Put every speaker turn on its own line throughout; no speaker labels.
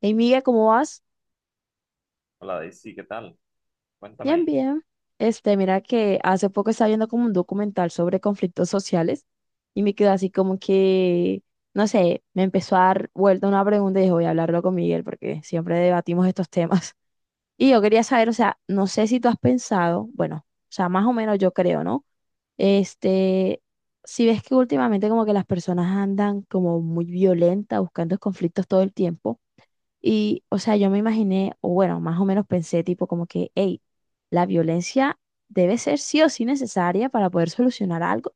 Hey, Miguel, ¿cómo vas?
Hola Daisy, ¿qué tal?
Bien,
Cuéntame.
bien. Mira que hace poco estaba viendo como un documental sobre conflictos sociales y me quedó así como que, no sé, me empezó a dar vuelta una pregunta y dije, voy a hablarlo con Miguel porque siempre debatimos estos temas. Y yo quería saber, o sea, no sé si tú has pensado, bueno, o sea, más o menos yo creo, ¿no? Este, si ves que últimamente como que las personas andan como muy violentas buscando conflictos todo el tiempo. Y, o sea, yo me imaginé, o bueno, más o menos pensé tipo como que, hey, la violencia debe ser sí o sí necesaria para poder solucionar algo.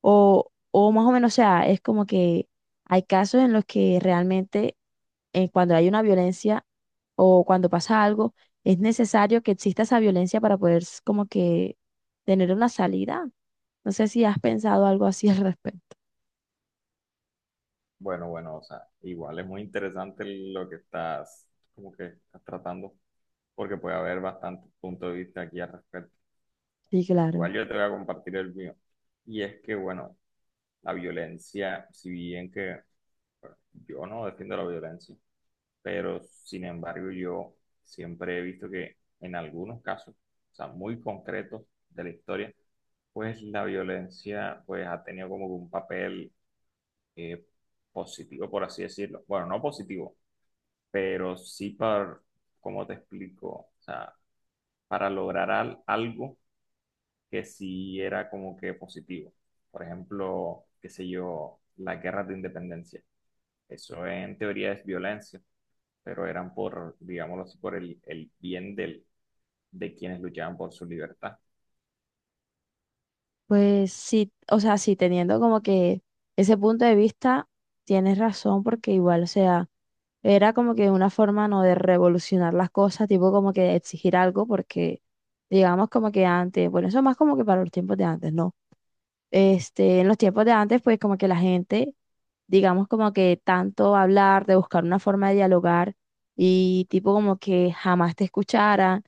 O más o menos, o sea, es como que hay casos en los que realmente cuando hay una violencia o cuando pasa algo, es necesario que exista esa violencia para poder como que tener una salida. No sé si has pensado algo así al respecto.
Bueno, o sea, igual es muy interesante lo que estás, como que estás tratando, porque puede haber bastantes puntos de vista aquí al respecto.
Sí, claro.
Igual yo te voy a compartir el mío. Y es que, bueno, la violencia, si bien que bueno, yo no defiendo la violencia, pero sin embargo yo siempre he visto que en algunos casos, o sea, muy concretos de la historia, pues la violencia pues ha tenido como que un papel eh, positivo, por así decirlo. Bueno, no positivo, pero sí para, como te explico, o sea, para lograr algo que sí era como que positivo. Por ejemplo, qué sé yo, la guerra de independencia. Eso en teoría es violencia, pero eran por, digámoslo así, por el bien del, de quienes luchaban por su libertad.
Pues sí, o sea, sí, teniendo como que ese punto de vista, tienes razón, porque igual, o sea, era como que una forma no de revolucionar las cosas, tipo como que exigir algo, porque digamos como que antes, bueno, eso más como que para los tiempos de antes, ¿no? En los tiempos de antes, pues como que la gente, digamos como que tanto hablar, de buscar una forma de dialogar y tipo como que jamás te escuchara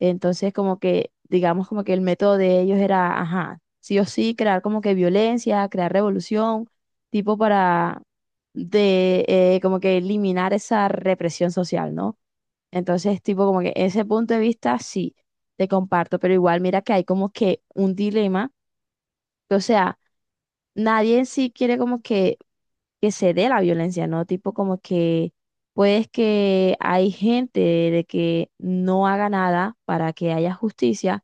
entonces, como que, digamos, como que el método de ellos era, ajá, sí o sí, crear como que violencia, crear revolución, tipo para de, como que eliminar esa represión social, ¿no? Entonces, tipo, como que ese punto de vista sí, te comparto, pero igual mira que hay como que un dilema, que, o sea, nadie en sí quiere como que se dé la violencia, ¿no? Tipo como que, pues que hay gente de que no haga nada para que haya justicia,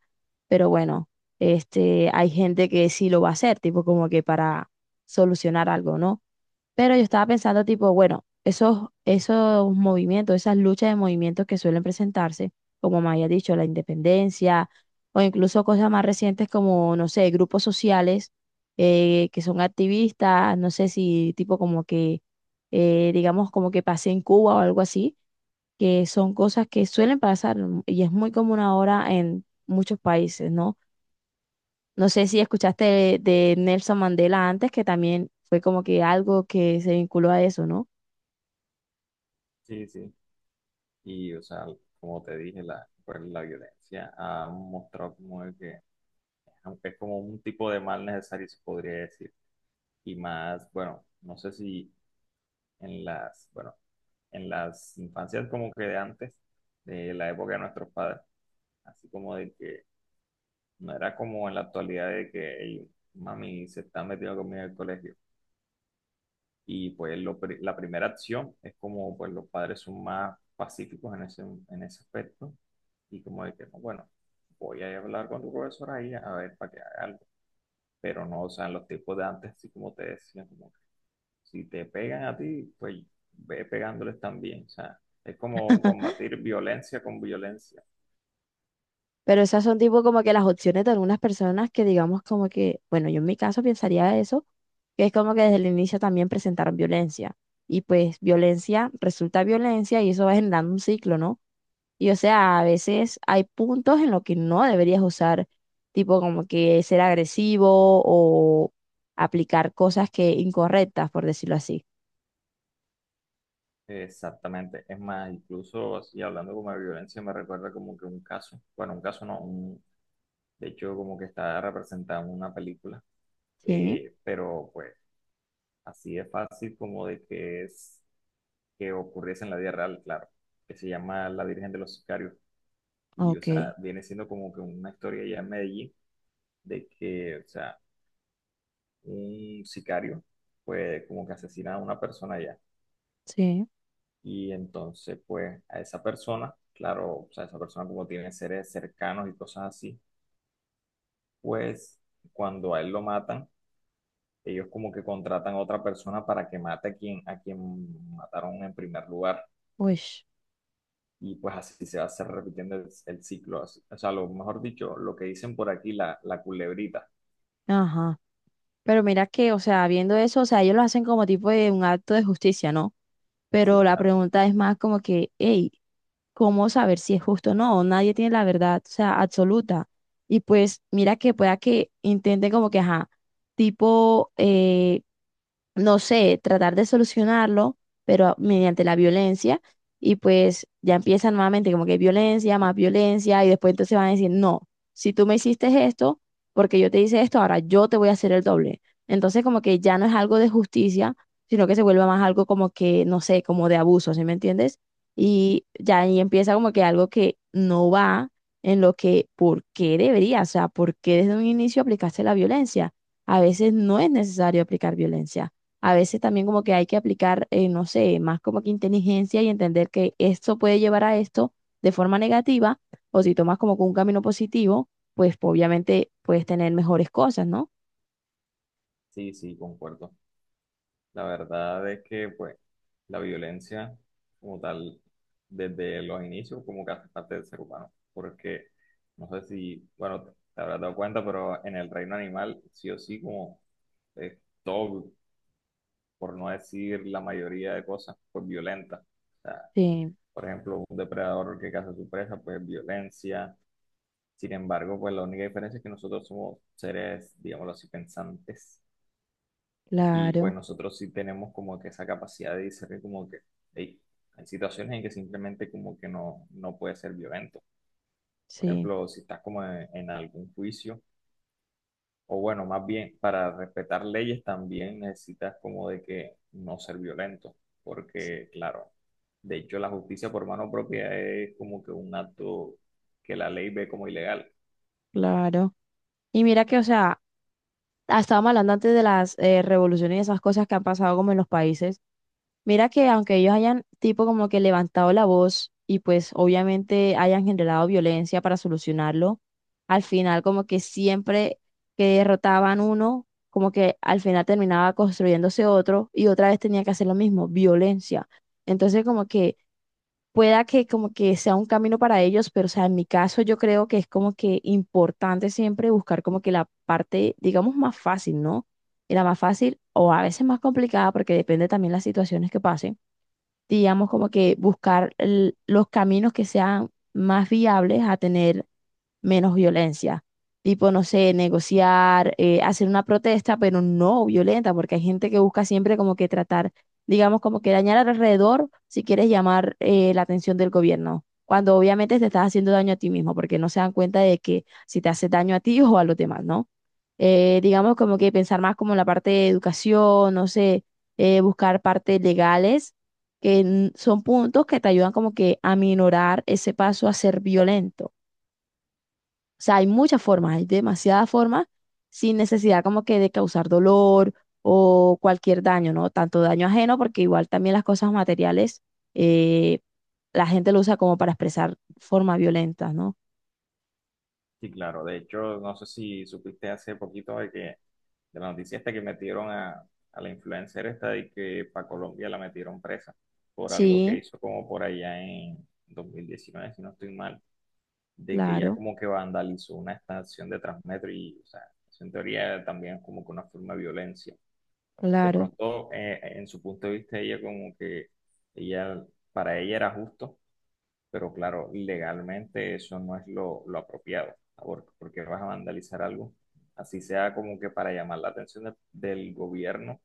pero bueno, hay gente que sí lo va a hacer, tipo como que para solucionar algo, ¿no? Pero yo estaba pensando, tipo, bueno, esos movimientos, esas luchas de movimientos que suelen presentarse, como me había dicho, la independencia, o incluso cosas más recientes como, no sé, grupos sociales que son activistas, no sé si tipo como que, digamos, como que pasé en Cuba o algo así, que son cosas que suelen pasar y es muy común ahora en muchos países, ¿no? No sé si escuchaste de Nelson Mandela antes, que también fue como que algo que se vinculó a eso, ¿no?
Sí, sí. Y, o sea, como te dije, la, pues, la violencia ha mostrado como de que aunque es como un tipo de mal necesario, se podría decir. Y más, bueno, no sé si en las, bueno, en las infancias como que de antes, de la época de nuestros padres, así como de que no era como en la actualidad de que "Ey, mami se está metiendo conmigo en el colegio. Y pues lo la primera acción es como pues los padres son más pacíficos en ese aspecto y como de que, "No, bueno, voy a ir a hablar con tu profesora ahí a ver para que haga algo". Pero no, o sea, en los tiempos de antes, así como te decía, como que si te pegan a ti, pues ve pegándoles también, o sea, es como combatir violencia con violencia.
Pero esas son tipo como que las opciones de algunas personas que digamos como que, bueno, yo en mi caso pensaría eso, que es como que desde el inicio también presentaron violencia. Y pues violencia resulta violencia y eso va generando un ciclo, ¿no? Y o sea, a veces hay puntos en los que no deberías usar, tipo como que ser agresivo o aplicar cosas que incorrectas, por decirlo así.
Exactamente, es más, incluso así hablando como de violencia, me recuerda como que un caso, bueno, un caso no, un, de hecho como que está representado en una película,
Sí,
pero pues así es fácil como de que es que ocurriese en la vida real, claro, que se llama La Virgen de los Sicarios, y o sea,
ok.
viene siendo como que una historia ya en Medellín de que, o sea, un sicario, pues como que asesina a una persona ya.
Sí,
Y entonces, pues a esa persona, claro, o sea, esa persona como tiene seres cercanos y cosas así, pues cuando a él lo matan, ellos como que contratan a otra persona para que mate a quien mataron en primer lugar.
uy,
Y pues así se va a hacer repitiendo el ciclo. Así. O sea, lo mejor dicho, lo que dicen por aquí, la culebrita.
ajá. Pero mira que, o sea, viendo eso, o sea, ellos lo hacen como tipo de un acto de justicia, ¿no?
Sí,
Pero la
claro.
pregunta es más como que, hey, ¿cómo saber si es justo o no? Nadie tiene la verdad, o sea, absoluta. Y pues mira que pueda que intenten como que, ajá, tipo, no sé, tratar de solucionarlo, pero mediante la violencia, y pues ya empiezan nuevamente como que violencia, más violencia, y después entonces van a decir, no, si tú me hiciste esto, porque yo te hice esto, ahora yo te voy a hacer el doble. Entonces como que ya no es algo de justicia, sino que se vuelve más algo como que, no sé, como de abuso, ¿sí me entiendes? Y ya ahí empieza como que algo que no va en lo que, ¿por qué debería? O sea, ¿por qué desde un inicio aplicaste la violencia? A veces no es necesario aplicar violencia. A veces también como que hay que aplicar, no sé, más como que inteligencia y entender que esto puede llevar a esto de forma negativa, o si tomas como que un camino positivo, pues, obviamente puedes tener mejores cosas, ¿no?
Sí, sí, concuerdo. La verdad es que, pues, la violencia como tal, desde los inicios, como que hace parte del ser humano, porque no sé si, bueno, te habrás dado cuenta, pero en el reino animal, sí o sí, como es todo, por no decir la mayoría de cosas, pues violenta. O sea,
Sí,
por ejemplo, un depredador que caza a su presa, pues violencia. Sin embargo, pues la única diferencia es que nosotros somos seres, digámoslo así, pensantes y pues
claro,
nosotros sí tenemos como que esa capacidad de discernir como que "Ey, hay situaciones en que simplemente como que no, no puede ser violento. Por
sí,
ejemplo, si estás como en algún juicio, o bueno, más bien para respetar leyes también necesitas como de que no ser violento,
sí,
porque claro, de hecho la justicia por mano propia es como que un acto que la ley ve como ilegal.
claro. Y mira que, o sea, estábamos hablando antes de las revoluciones y esas cosas que han pasado como en los países. Mira que aunque ellos hayan tipo como que levantado la voz y pues obviamente hayan generado violencia para solucionarlo, al final como que siempre que derrotaban uno, como que al final terminaba construyéndose otro y otra vez tenía que hacer lo mismo, violencia. Entonces como que pueda que como que sea un camino para ellos, pero o sea, en mi caso yo creo que es como que importante siempre buscar como que la parte, digamos, más fácil, ¿no? Y la más fácil o a veces más complicada porque depende también las situaciones que pasen digamos, como que buscar los caminos que sean más viables a tener menos violencia. Tipo, no sé, negociar, hacer una protesta, pero no violenta, porque hay gente que busca siempre como que tratar, digamos, como que dañar al alrededor si quieres llamar la atención del gobierno, cuando obviamente te estás haciendo daño a ti mismo, porque no se dan cuenta de que si te hace daño a ti o a los demás, ¿no? Digamos, como que pensar más como en la parte de educación, no sé, buscar partes legales, que son puntos que te ayudan como que a minorar ese paso a ser violento. O sea, hay muchas formas, hay demasiadas formas sin necesidad como que de causar dolor o cualquier daño, ¿no? Tanto daño ajeno, porque igual también las cosas materiales, eh, la gente lo usa como para expresar formas violentas, ¿no?
Sí, claro. De hecho, no sé si supiste hace poquito de que de la noticia esta que metieron a la influencer esta de que para Colombia la metieron presa por algo que
Sí,
hizo como por allá en 2019 si no estoy mal, de que ella
claro,
como que vandalizó una estación de Transmetro y, o sea, eso en teoría también es como que una forma de violencia. De
claro.
pronto, en su punto de vista, ella como que ella, para ella era justo pero claro, legalmente eso no es lo apropiado, ¿no? Porque vas a vandalizar algo, así sea como que para llamar la atención del gobierno,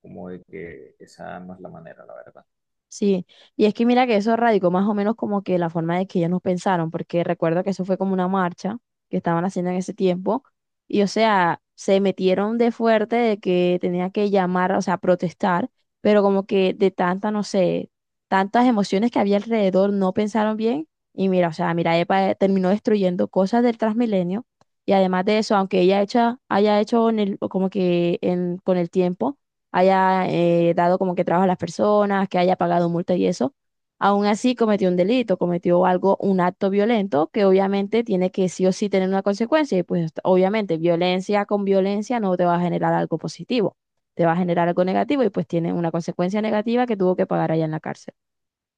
como de que esa no es la manera, la verdad.
Sí, y es que mira que eso radicó más o menos como que la forma de que ellos nos pensaron, porque recuerdo que eso fue como una marcha que estaban haciendo en ese tiempo, y o sea, se metieron de fuerte de que tenía que llamar, o sea, protestar, pero como que de tanta, no sé, tantas emociones que había alrededor, no pensaron bien, y mira, o sea, mira, EPA terminó destruyendo cosas del Transmilenio, y además de eso, aunque ella hecha, haya hecho en como que con el tiempo haya dado como que trabajo a las personas, que haya pagado multa y eso, aún así cometió un delito, cometió algo, un acto violento que obviamente tiene que sí o sí tener una consecuencia y pues obviamente violencia con violencia no te va a generar algo positivo, te va a generar algo negativo y pues tiene una consecuencia negativa que tuvo que pagar allá en la cárcel.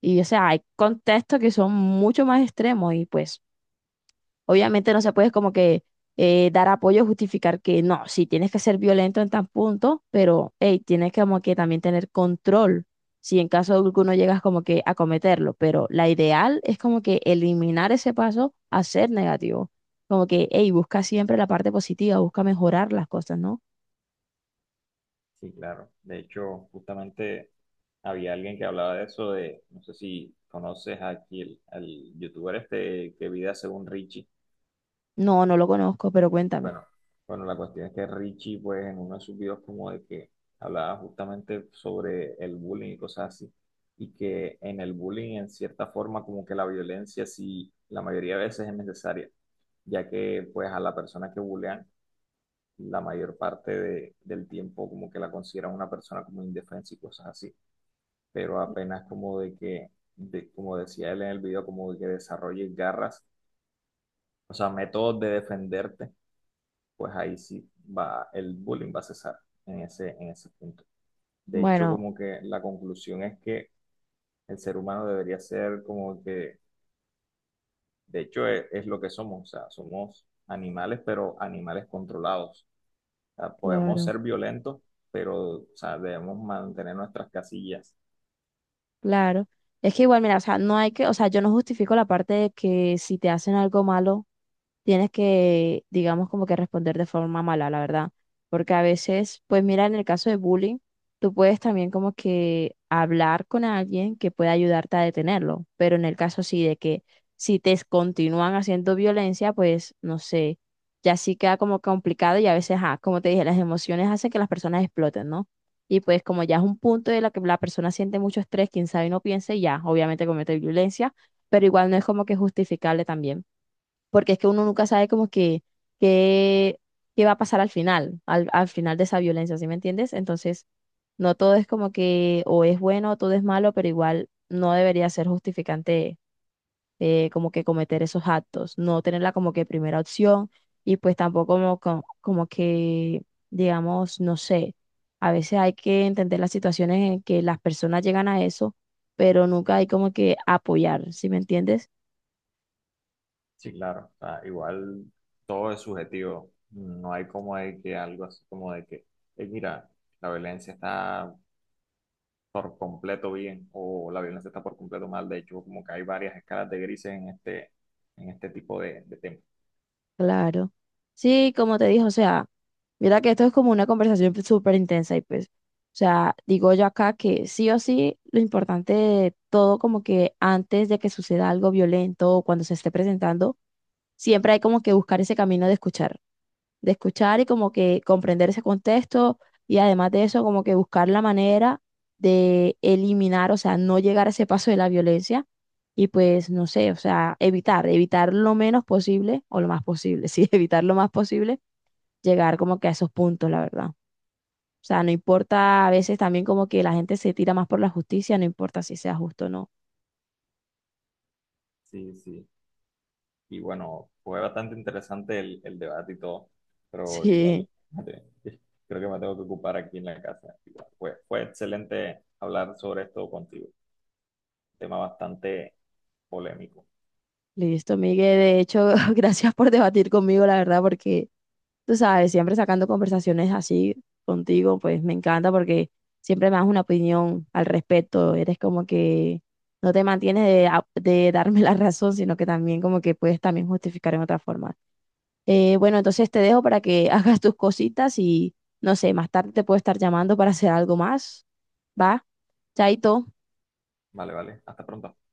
Y o sea, hay contextos que son mucho más extremos y pues... Obviamente no se puede como que dar apoyo, justificar que no, sí tienes que ser violento en tan punto, pero hey, tienes que como que también tener control si en caso de alguno llegas como que a cometerlo, pero la ideal es como que eliminar ese paso a ser negativo. Como que, hey, busca siempre la parte positiva, busca mejorar las cosas, ¿no?
Sí, claro. De hecho, justamente había alguien que hablaba de eso, de, no sé si conoces aquí el, al youtuber este que vive según Richie.
No, no lo conozco, pero cuéntame.
Bueno, bueno, la cuestión es que Richie, pues, en uno de sus videos como de que hablaba justamente sobre el bullying y cosas así, y que en el bullying, en cierta forma, como que la violencia sí, la mayoría de veces es necesaria, ya que, pues, a la persona que bullean, la mayor parte del tiempo como que la consideran una persona como indefensa y cosas así, pero apenas como de que, como decía él en el video, como de que desarrolles garras, o sea, métodos de defenderte pues ahí sí va, el bullying va a cesar en ese punto. De hecho,
Bueno,
como que la conclusión es que el ser humano debería ser como que, de hecho, es lo que somos, o sea, somos animales, pero animales controlados. O sea, podemos
claro,
ser violentos, pero, o sea, debemos mantener nuestras casillas.
claro. Es que igual, mira, o sea, no hay que, o sea, yo no justifico la parte de que si te hacen algo malo, tienes que, digamos, como que responder de forma mala, la verdad. Porque a veces, pues mira, en el caso de bullying, tú puedes también como que hablar con alguien que pueda ayudarte a detenerlo, pero en el caso sí de que si te continúan haciendo violencia, pues no sé, ya sí queda como complicado y a veces, ah, como te dije, las emociones hacen que las personas exploten, ¿no? Y pues como ya es un punto de la que la persona siente mucho estrés, quién sabe y no piense, ya, obviamente comete violencia, pero igual no es como que justificable también porque es que uno nunca sabe como que qué, qué va a pasar al final, al, al final de esa violencia, ¿sí me entiendes? Entonces, no todo es como que o es bueno o todo es malo, pero igual no debería ser justificante como que cometer esos actos, no tenerla como que primera opción y pues tampoco como que, digamos, no sé, a veces hay que entender las situaciones en que las personas llegan a eso, pero nunca hay como que apoyar, ¿sí me entiendes?
Sí, claro, o sea, igual todo es subjetivo. No hay como de que algo así como de que, mira, la violencia está por completo bien o la violencia está por completo mal. De hecho, como que hay varias escalas de grises en este tipo de temas.
Claro. Sí, como te dije, o sea, mira que esto es como una conversación pues, súper intensa y pues, o sea, digo yo acá que sí o sí, lo importante de todo como que antes de que suceda algo violento o cuando se esté presentando, siempre hay como que buscar ese camino de escuchar y como que comprender ese contexto y además de eso como que buscar la manera de eliminar, o sea, no llegar a ese paso de la violencia y pues no sé, o sea, evitar lo menos posible o lo más posible, sí, evitar lo más posible llegar como que a esos puntos, la verdad. O sea, no importa a veces también como que la gente se tira más por la justicia, no importa si sea justo o no.
Sí, sí. Y bueno, fue bastante interesante el debate y todo, pero
Sí.
igual, creo que me tengo que ocupar aquí en la casa. Igual, fue excelente hablar sobre esto contigo. Tema bastante polémico.
Listo, Miguel. De hecho, gracias por debatir conmigo, la verdad, porque tú sabes, siempre sacando conversaciones así contigo, pues me encanta porque siempre me das una opinión al respecto. Eres como que no te mantienes de, de darme la razón, sino que también como que puedes también justificar en otra forma. Bueno, entonces te dejo para que hagas tus cositas y no sé, más tarde te puedo estar llamando para hacer algo más. ¿Va? Chaito.
Vale. Hasta pronto.